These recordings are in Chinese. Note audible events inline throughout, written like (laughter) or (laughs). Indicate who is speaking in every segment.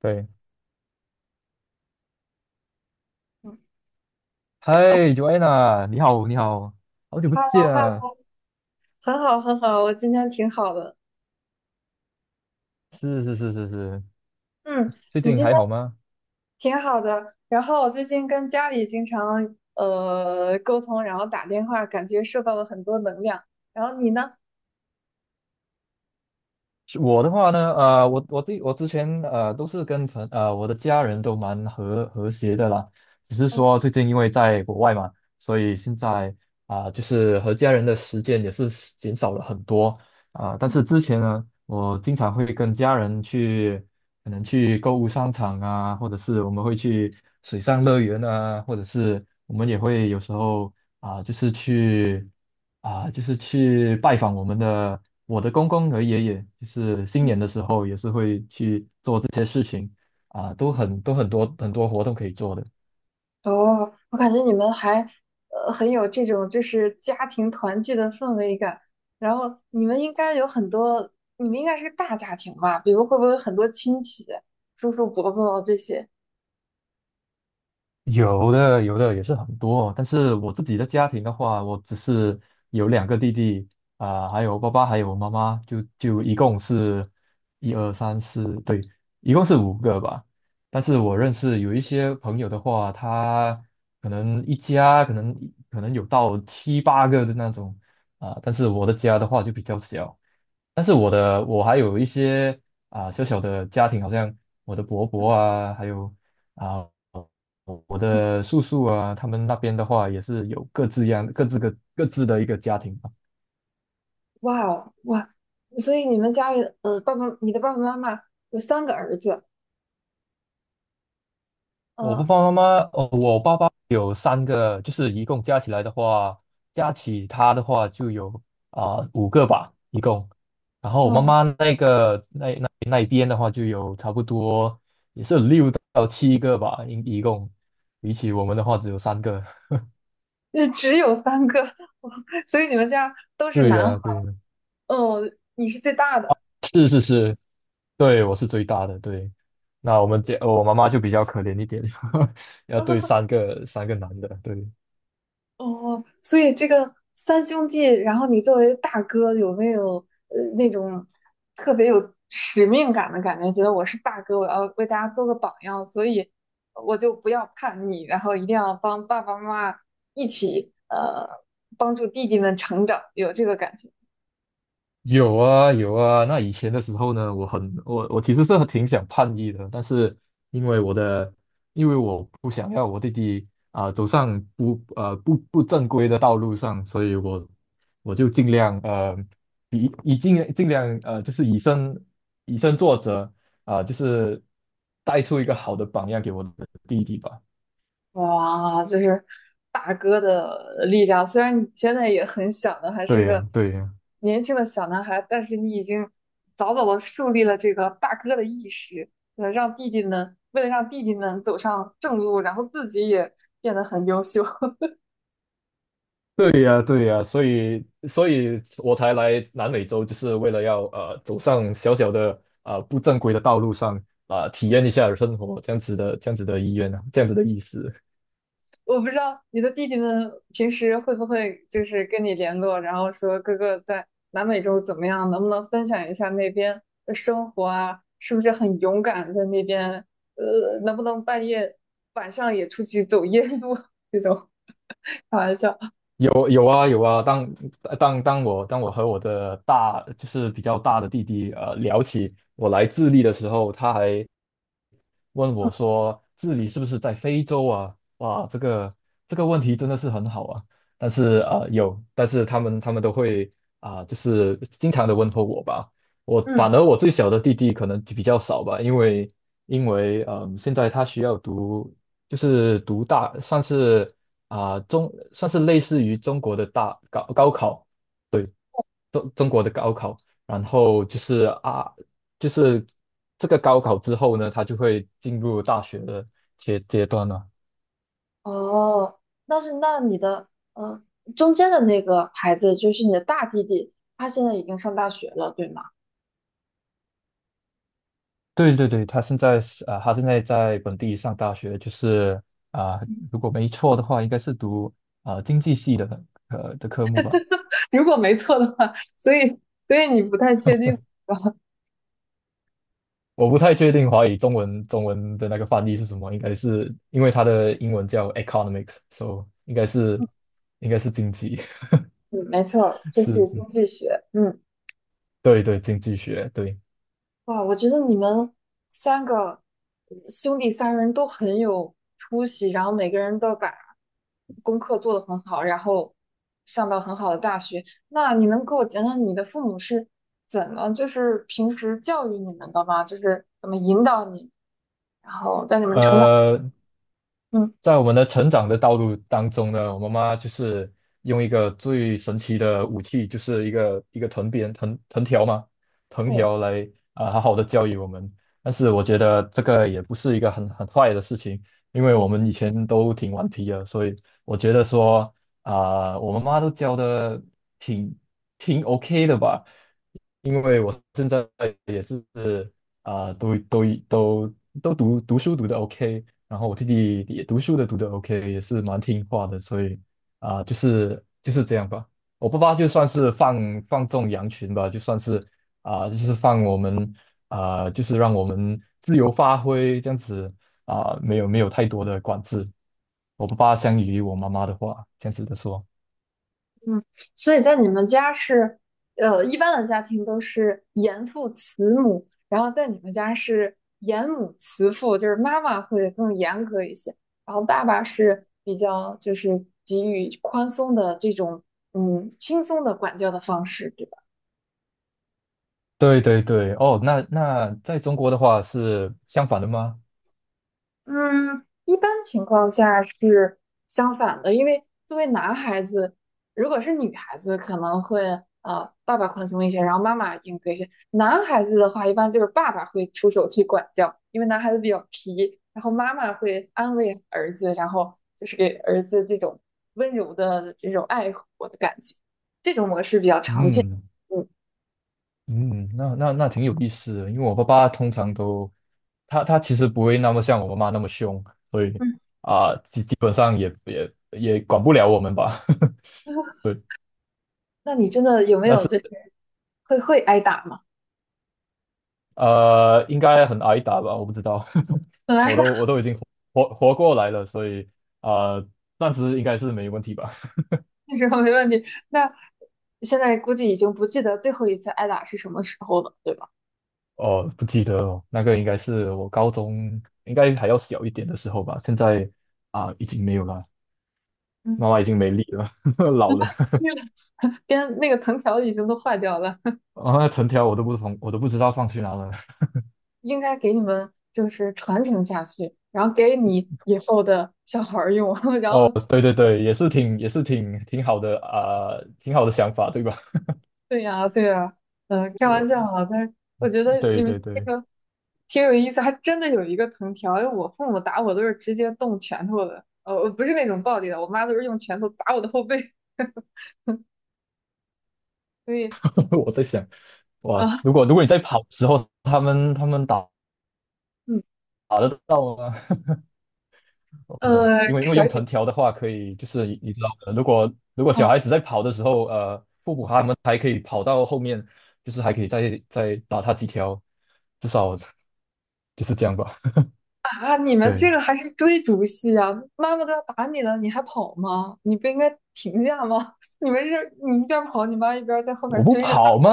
Speaker 1: 对，
Speaker 2: 嗯哦
Speaker 1: 嗨，Joanna，你好，你好，好久不
Speaker 2: ，Hello
Speaker 1: 见啊！
Speaker 2: Hello，很好很好，我今天挺好的。
Speaker 1: 是是是是是，
Speaker 2: 嗯，
Speaker 1: 最
Speaker 2: 你
Speaker 1: 近
Speaker 2: 今天
Speaker 1: 还好吗？
Speaker 2: 挺好的。然后我最近跟家里经常沟通，然后打电话，感觉受到了很多能量。然后你呢？
Speaker 1: 是我的话呢，我对我之前都是跟我的家人都蛮和谐的啦，只是
Speaker 2: 哦
Speaker 1: 说最近因为在国外嘛，所以现在啊、就是和家人的时间也是减少了很多啊、但
Speaker 2: 嗯
Speaker 1: 是之前呢，我经常会跟家人去，可能去购物商场啊，或者是我们会去水上乐园啊，或者是我们也会有时候啊、就是去。啊，就是去拜访我的公公和爷爷，就是新
Speaker 2: 嗯
Speaker 1: 年的时候也是会去做这些事情啊，都很多很多活动可以做的。
Speaker 2: 哦，我感觉你们还很有这种就是家庭团聚的氛围感。然后你们应该有很多，你们应该是个大家庭吧？比如会不会有很多亲戚、叔叔伯伯这些？
Speaker 1: 有的，有的也是很多，但是我自己的家庭的话，我只是有两个弟弟，啊、还有爸爸，还有妈妈，就一共是一二三四，对，一共是五个吧。但是我认识有一些朋友的话，他可能一家可能有到七八个的那种，啊、但是我的家的话就比较小。但是我还有一些啊、小小的家庭，好像我的伯伯啊，还有。啊。我的叔叔啊，他们那边的话也是有各自的一个家庭吧。
Speaker 2: 哇哦，哇！所以你们家里爸爸，你的爸爸妈妈有三个儿子，
Speaker 1: 我爸
Speaker 2: 嗯
Speaker 1: 爸妈妈，哦，我爸爸有三个，就是一共加起来的话，加起他的话就有啊、五个吧，一共。然后我妈
Speaker 2: 嗯，
Speaker 1: 妈那个那一边的话就有差不多也是有六栋，比起我们的话只有三个。(laughs)
Speaker 2: 那只有三个，(laughs) 所以你们家都是
Speaker 1: 对
Speaker 2: 男
Speaker 1: 呀、
Speaker 2: 孩
Speaker 1: 对
Speaker 2: 儿，
Speaker 1: 呀、
Speaker 2: 哦，你是最大的，
Speaker 1: 是是是，对，我是最大的，对。那我们家我妈妈就比较可怜一点，(laughs) 要对
Speaker 2: (laughs)
Speaker 1: 三个男的，对。
Speaker 2: 哦，所以这个三兄弟，然后你作为大哥，有没有那种特别有使命感的感觉？觉得我是大哥，我要为大家做个榜样，所以我就不要叛逆，然后一定要帮爸爸妈妈一起帮助弟弟们成长，有这个感觉。
Speaker 1: 有啊有啊，那以前的时候呢，我很我我其实是挺想叛逆的，但是因为我的因为我不想要我弟弟啊、走上不正规的道路上，所以我就尽量尽量就是以身作则啊、就是带出一个好的榜样给我的弟弟吧。
Speaker 2: 哇，就是大哥的力量。虽然你现在也很小呢，还是
Speaker 1: 对
Speaker 2: 个
Speaker 1: 呀、对呀、
Speaker 2: 年轻的小男孩，但是你已经早早的树立了这个大哥的意识，让弟弟们，为了让弟弟们走上正路，然后自己也变得很优秀。(laughs)
Speaker 1: 对呀，对呀，所以，所以我才来南美洲，就是为了要走上小小的不正规的道路上啊、体验一下生活这样子的意愿啊，这样子的意思。
Speaker 2: 我不知道你的弟弟们平时会不会就是跟你联络，然后说哥哥在南美洲怎么样，能不能分享一下那边的生活啊？是不是很勇敢在那边？能不能半夜晚上也出去走夜路 (laughs) 这种？开玩笑。
Speaker 1: 有有啊有啊，当我和我的大就是比较大的弟弟聊起我来智利的时候，他还问
Speaker 2: 嗯，
Speaker 1: 我说治理是不是在非洲啊？哇，这个问题真的是很好啊。但是啊、有，但是他们都会啊、就是经常的问候我吧。我
Speaker 2: 嗯
Speaker 1: 反而我最小的弟弟可能就比较少吧，因为现在他需要读，就是读大，算是啊、中，算是类似于中国的大高高考。中国的高考，然后就是啊，就是这个高考之后呢，他就会进入大学的阶段了。
Speaker 2: 哦，那是那你的呃中间的那个孩子就是你的大弟弟，他现在已经上大学了，对吗？
Speaker 1: 对对对，他现在是啊、他现在在本地上大学，就是啊、如果没错的话，应该是读啊、经济系的的科目吧。
Speaker 2: 如果没错的话，所以你不太确定
Speaker 1: 我不太确定华语中文的那个翻译是什么，应该是因为它的英文叫 economics，so 应该是应该是经济，
Speaker 2: 嗯，没错，
Speaker 1: (laughs)
Speaker 2: 就
Speaker 1: 是
Speaker 2: 是
Speaker 1: 是，
Speaker 2: 经济学。嗯，
Speaker 1: 对对，经济学，对。
Speaker 2: 哇，我觉得你们三个兄弟三人都很有出息，然后每个人都把功课做得很好，然后上到很好的大学。那你能给我讲讲你的父母是怎么，就是平时教育你们的吗？就是怎么引导你，然后在你们成长。
Speaker 1: 呃，
Speaker 2: 嗯，
Speaker 1: 在我们的成长的道路当中呢，我妈妈就是用一个最神奇的武器，就是一个藤鞭、藤条嘛，藤条来啊、好好的教育我们。但是我觉得这个也不是一个很坏的事情，因为我们以前都挺顽皮的，所以我觉得说啊、我妈妈都教的挺挺 OK 的吧。因为我在。是啊、都读书读的 OK，然后我弟弟也读书的读的 OK，也是蛮听话的，所以啊、就是这样吧。我爸爸就算是放纵羊群吧，就算是啊、就是放我们啊、就是让我们自由发挥这样子啊、没有没有太多的管制。我爸爸相比于我妈妈的话，这样子的说。
Speaker 2: 嗯，所以在你们家是，一般的家庭都是严父慈母，然后在你们家是严母慈父，就是妈妈会更严格一些，然后爸爸是比较就是给予宽松的这种，嗯，轻松的管教的方式，
Speaker 1: 对对对，哦，那在中国的话是相反的吗？
Speaker 2: 嗯，一般情况下是相反的，因为作为男孩子，如果是女孩子，可能会爸爸宽松一些，然后妈妈严格一些。男孩子的话，一般就是爸爸会出手去管教，因为男孩子比较皮，然后妈妈会安慰儿子，然后就是给儿子这种温柔的这种爱护的感觉，这种模式比较常见。
Speaker 1: 嗯。
Speaker 2: 嗯，
Speaker 1: 嗯，那挺有意思的，因为我爸爸通常都，他其实不会那么像我妈妈那么凶，所以
Speaker 2: 嗯，
Speaker 1: 啊，基本上也管不了我们吧，(laughs)
Speaker 2: (laughs)
Speaker 1: 对，
Speaker 2: 那你真的有没
Speaker 1: 但
Speaker 2: 有
Speaker 1: 是
Speaker 2: 就是会挨打吗？
Speaker 1: 应该很挨打吧，我不知道，(laughs)
Speaker 2: (laughs) 很挨
Speaker 1: 我
Speaker 2: 打
Speaker 1: 都我都已经活过来了，所以啊、呃暂时应该是没问题吧。(laughs)
Speaker 2: (laughs) 那时候没问题。那现在估计已经不记得最后一次挨打是什么时候了，对吧？
Speaker 1: 哦，不记得了，那个应该是我高中应该还要小一点的时候吧，现在啊、已经没有了，
Speaker 2: 嗯，
Speaker 1: 妈妈已经没力了，(laughs) 老了。
Speaker 2: 那个 (laughs) 边那个藤条已经都坏掉了，
Speaker 1: 啊，藤条我都不放，我都不知道放去哪了。(laughs)
Speaker 2: (laughs) 应该给你们就是传承下去，然后给你以后的小孩儿用。(laughs) 然
Speaker 1: 哦，
Speaker 2: 后，
Speaker 1: 对对对，也是挺好的啊、挺好的想法，对吧？
Speaker 2: 对呀，对呀，
Speaker 1: (laughs)
Speaker 2: 开玩笑
Speaker 1: 我
Speaker 2: 啊，但我觉得你
Speaker 1: 对
Speaker 2: 们
Speaker 1: 对
Speaker 2: 这
Speaker 1: 对，
Speaker 2: 个挺有意思，还真的有一个藤条。因为我父母打我都是直接动拳头的，我不是那种暴力的，我妈都是用拳头打我的后背，(laughs) 所以
Speaker 1: (laughs) 我在想，哇，
Speaker 2: 啊。
Speaker 1: 如果你在跑的时候，他们打
Speaker 2: 嗯
Speaker 1: 打得到吗？(laughs) 我不知道，因为
Speaker 2: 可
Speaker 1: 用藤
Speaker 2: 以，
Speaker 1: 条的话，可以就是你你知道的，如果小
Speaker 2: 嗯
Speaker 1: 孩子在跑的时候，父母他们还可以跑到后面，就是还可以再打他几条，至少 (laughs) 就是这样吧。
Speaker 2: 啊，你们这
Speaker 1: 对，
Speaker 2: 个还是追逐戏啊？妈妈都要打你了，你还跑吗？你不应该停下吗？(laughs) 你们是，你一边跑，你妈一边在后
Speaker 1: 我
Speaker 2: 面
Speaker 1: 不
Speaker 2: 追着打。
Speaker 1: 跑吗？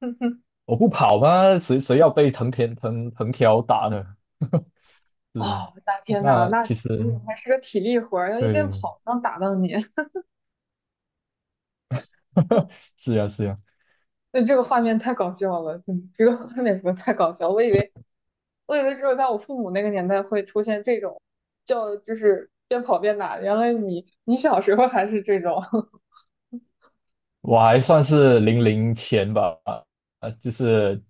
Speaker 2: (laughs) 哼哼，
Speaker 1: 我不跑吗？谁要被藤田藤藤条打呢？(laughs) 是，
Speaker 2: 哦，我的天呐，
Speaker 1: 那
Speaker 2: 那
Speaker 1: 其
Speaker 2: 你
Speaker 1: 实
Speaker 2: 还是个体力活儿，要一边
Speaker 1: 对，
Speaker 2: 跑能打到你，(laughs)
Speaker 1: (laughs) 是呀是呀，
Speaker 2: 那这个画面太搞笑了，嗯，这个画面怎么太搞笑？我以为只有在我父母那个年代会出现这种，叫就是边跑边打，原来你小时候还是这种，
Speaker 1: 我还算是零零前吧，就是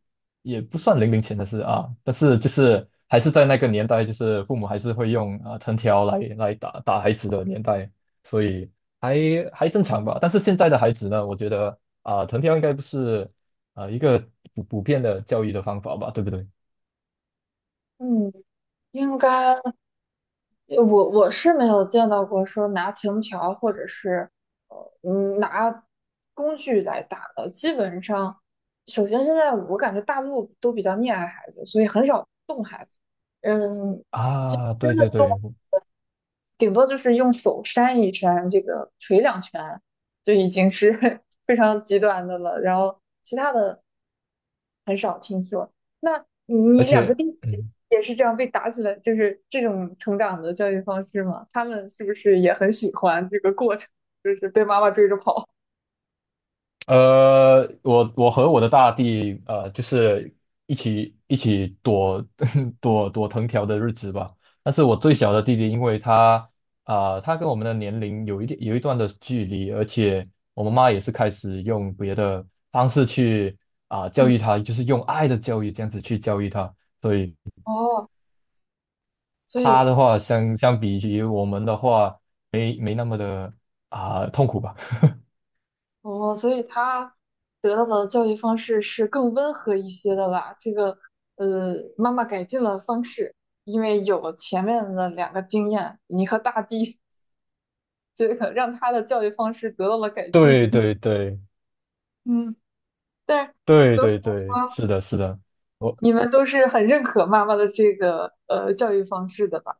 Speaker 1: 也不算零零前的事啊，但是就是还是在那个年代，就是父母还是会用啊、藤条来来打打孩子的年代，所以还还正常吧。但是现在的孩子呢，我觉得啊、藤条应该不是啊、一个普遍的教育的方法吧，对不对？
Speaker 2: (laughs) 嗯。应该，我是没有见到过说拿藤条或者是拿工具来打的，基本上，首先现在我感觉大陆都比较溺爱孩子，所以很少动孩子。嗯，
Speaker 1: 啊，对
Speaker 2: 真的
Speaker 1: 对对，
Speaker 2: 顶多就是用手扇一扇，这个捶两拳，就已经是 (laughs) 非常极端的了。然后其他的很少听说。那
Speaker 1: 而
Speaker 2: 你两个
Speaker 1: 且，
Speaker 2: 弟弟
Speaker 1: 嗯，
Speaker 2: 也是这样被打起来，就是这种成长的教育方式吗？他们是不是也很喜欢这个过程，就是被妈妈追着跑？
Speaker 1: 我和我的大弟，就是一起躲 (laughs) 躲藤条的日子吧。但是我最小的弟弟，因为他跟我们的年龄有一段的距离，而且我妈妈也是开始用别的方式去啊、教
Speaker 2: 嗯，
Speaker 1: 育他，就是用爱的教育这样子去教育他。所以
Speaker 2: 哦，所
Speaker 1: 他
Speaker 2: 以
Speaker 1: 的话，相比于我们的话，没那么的啊、痛苦吧。(laughs)
Speaker 2: 哦，所以他得到的教育方式是更温和一些的啦。这个妈妈改进了方式，因为有前面的两个经验，你和大地，这个让他的教育方式得到了改进。
Speaker 1: 对
Speaker 2: (laughs)
Speaker 1: 对对。
Speaker 2: 嗯，但是
Speaker 1: 对
Speaker 2: 总体
Speaker 1: 对
Speaker 2: 来
Speaker 1: 对，
Speaker 2: 说，
Speaker 1: 是的，是的，我
Speaker 2: 你们都是很认可妈妈的这个教育方式的吧？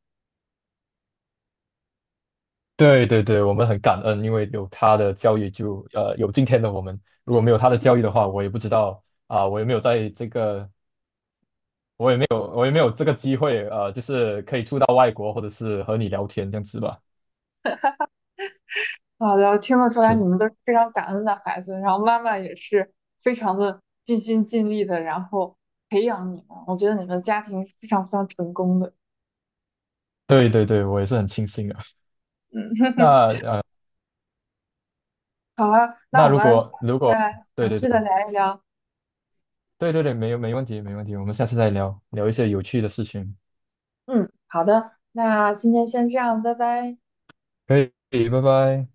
Speaker 1: 对对对，我们很感恩，因为有他的教育就，有今天的我们。如果没有他的教育的话，我也不知道啊、我也没有，我也没有这个机会，就是可以出到外国，或者是和你聊天这样子吧。
Speaker 2: 好的，听得出来你
Speaker 1: 是，
Speaker 2: 们都是非常感恩的孩子，然后妈妈也是非常的尽心尽力的，然后培养你们。我觉得你们的家庭是非常非常成功的。
Speaker 1: 对对对，我也是很庆幸的。那
Speaker 2: 嗯，
Speaker 1: 呃，
Speaker 2: (laughs) 好啊，那
Speaker 1: 那
Speaker 2: 我
Speaker 1: 如
Speaker 2: 们下次
Speaker 1: 果如果，
Speaker 2: 再
Speaker 1: 对
Speaker 2: 详
Speaker 1: 对
Speaker 2: 细
Speaker 1: 对
Speaker 2: 的聊一聊。
Speaker 1: 对对对，没问题没问题，我们下次再聊聊一些有趣的事情，
Speaker 2: 嗯，好的，那今天先这样，拜拜。
Speaker 1: 可以，拜拜。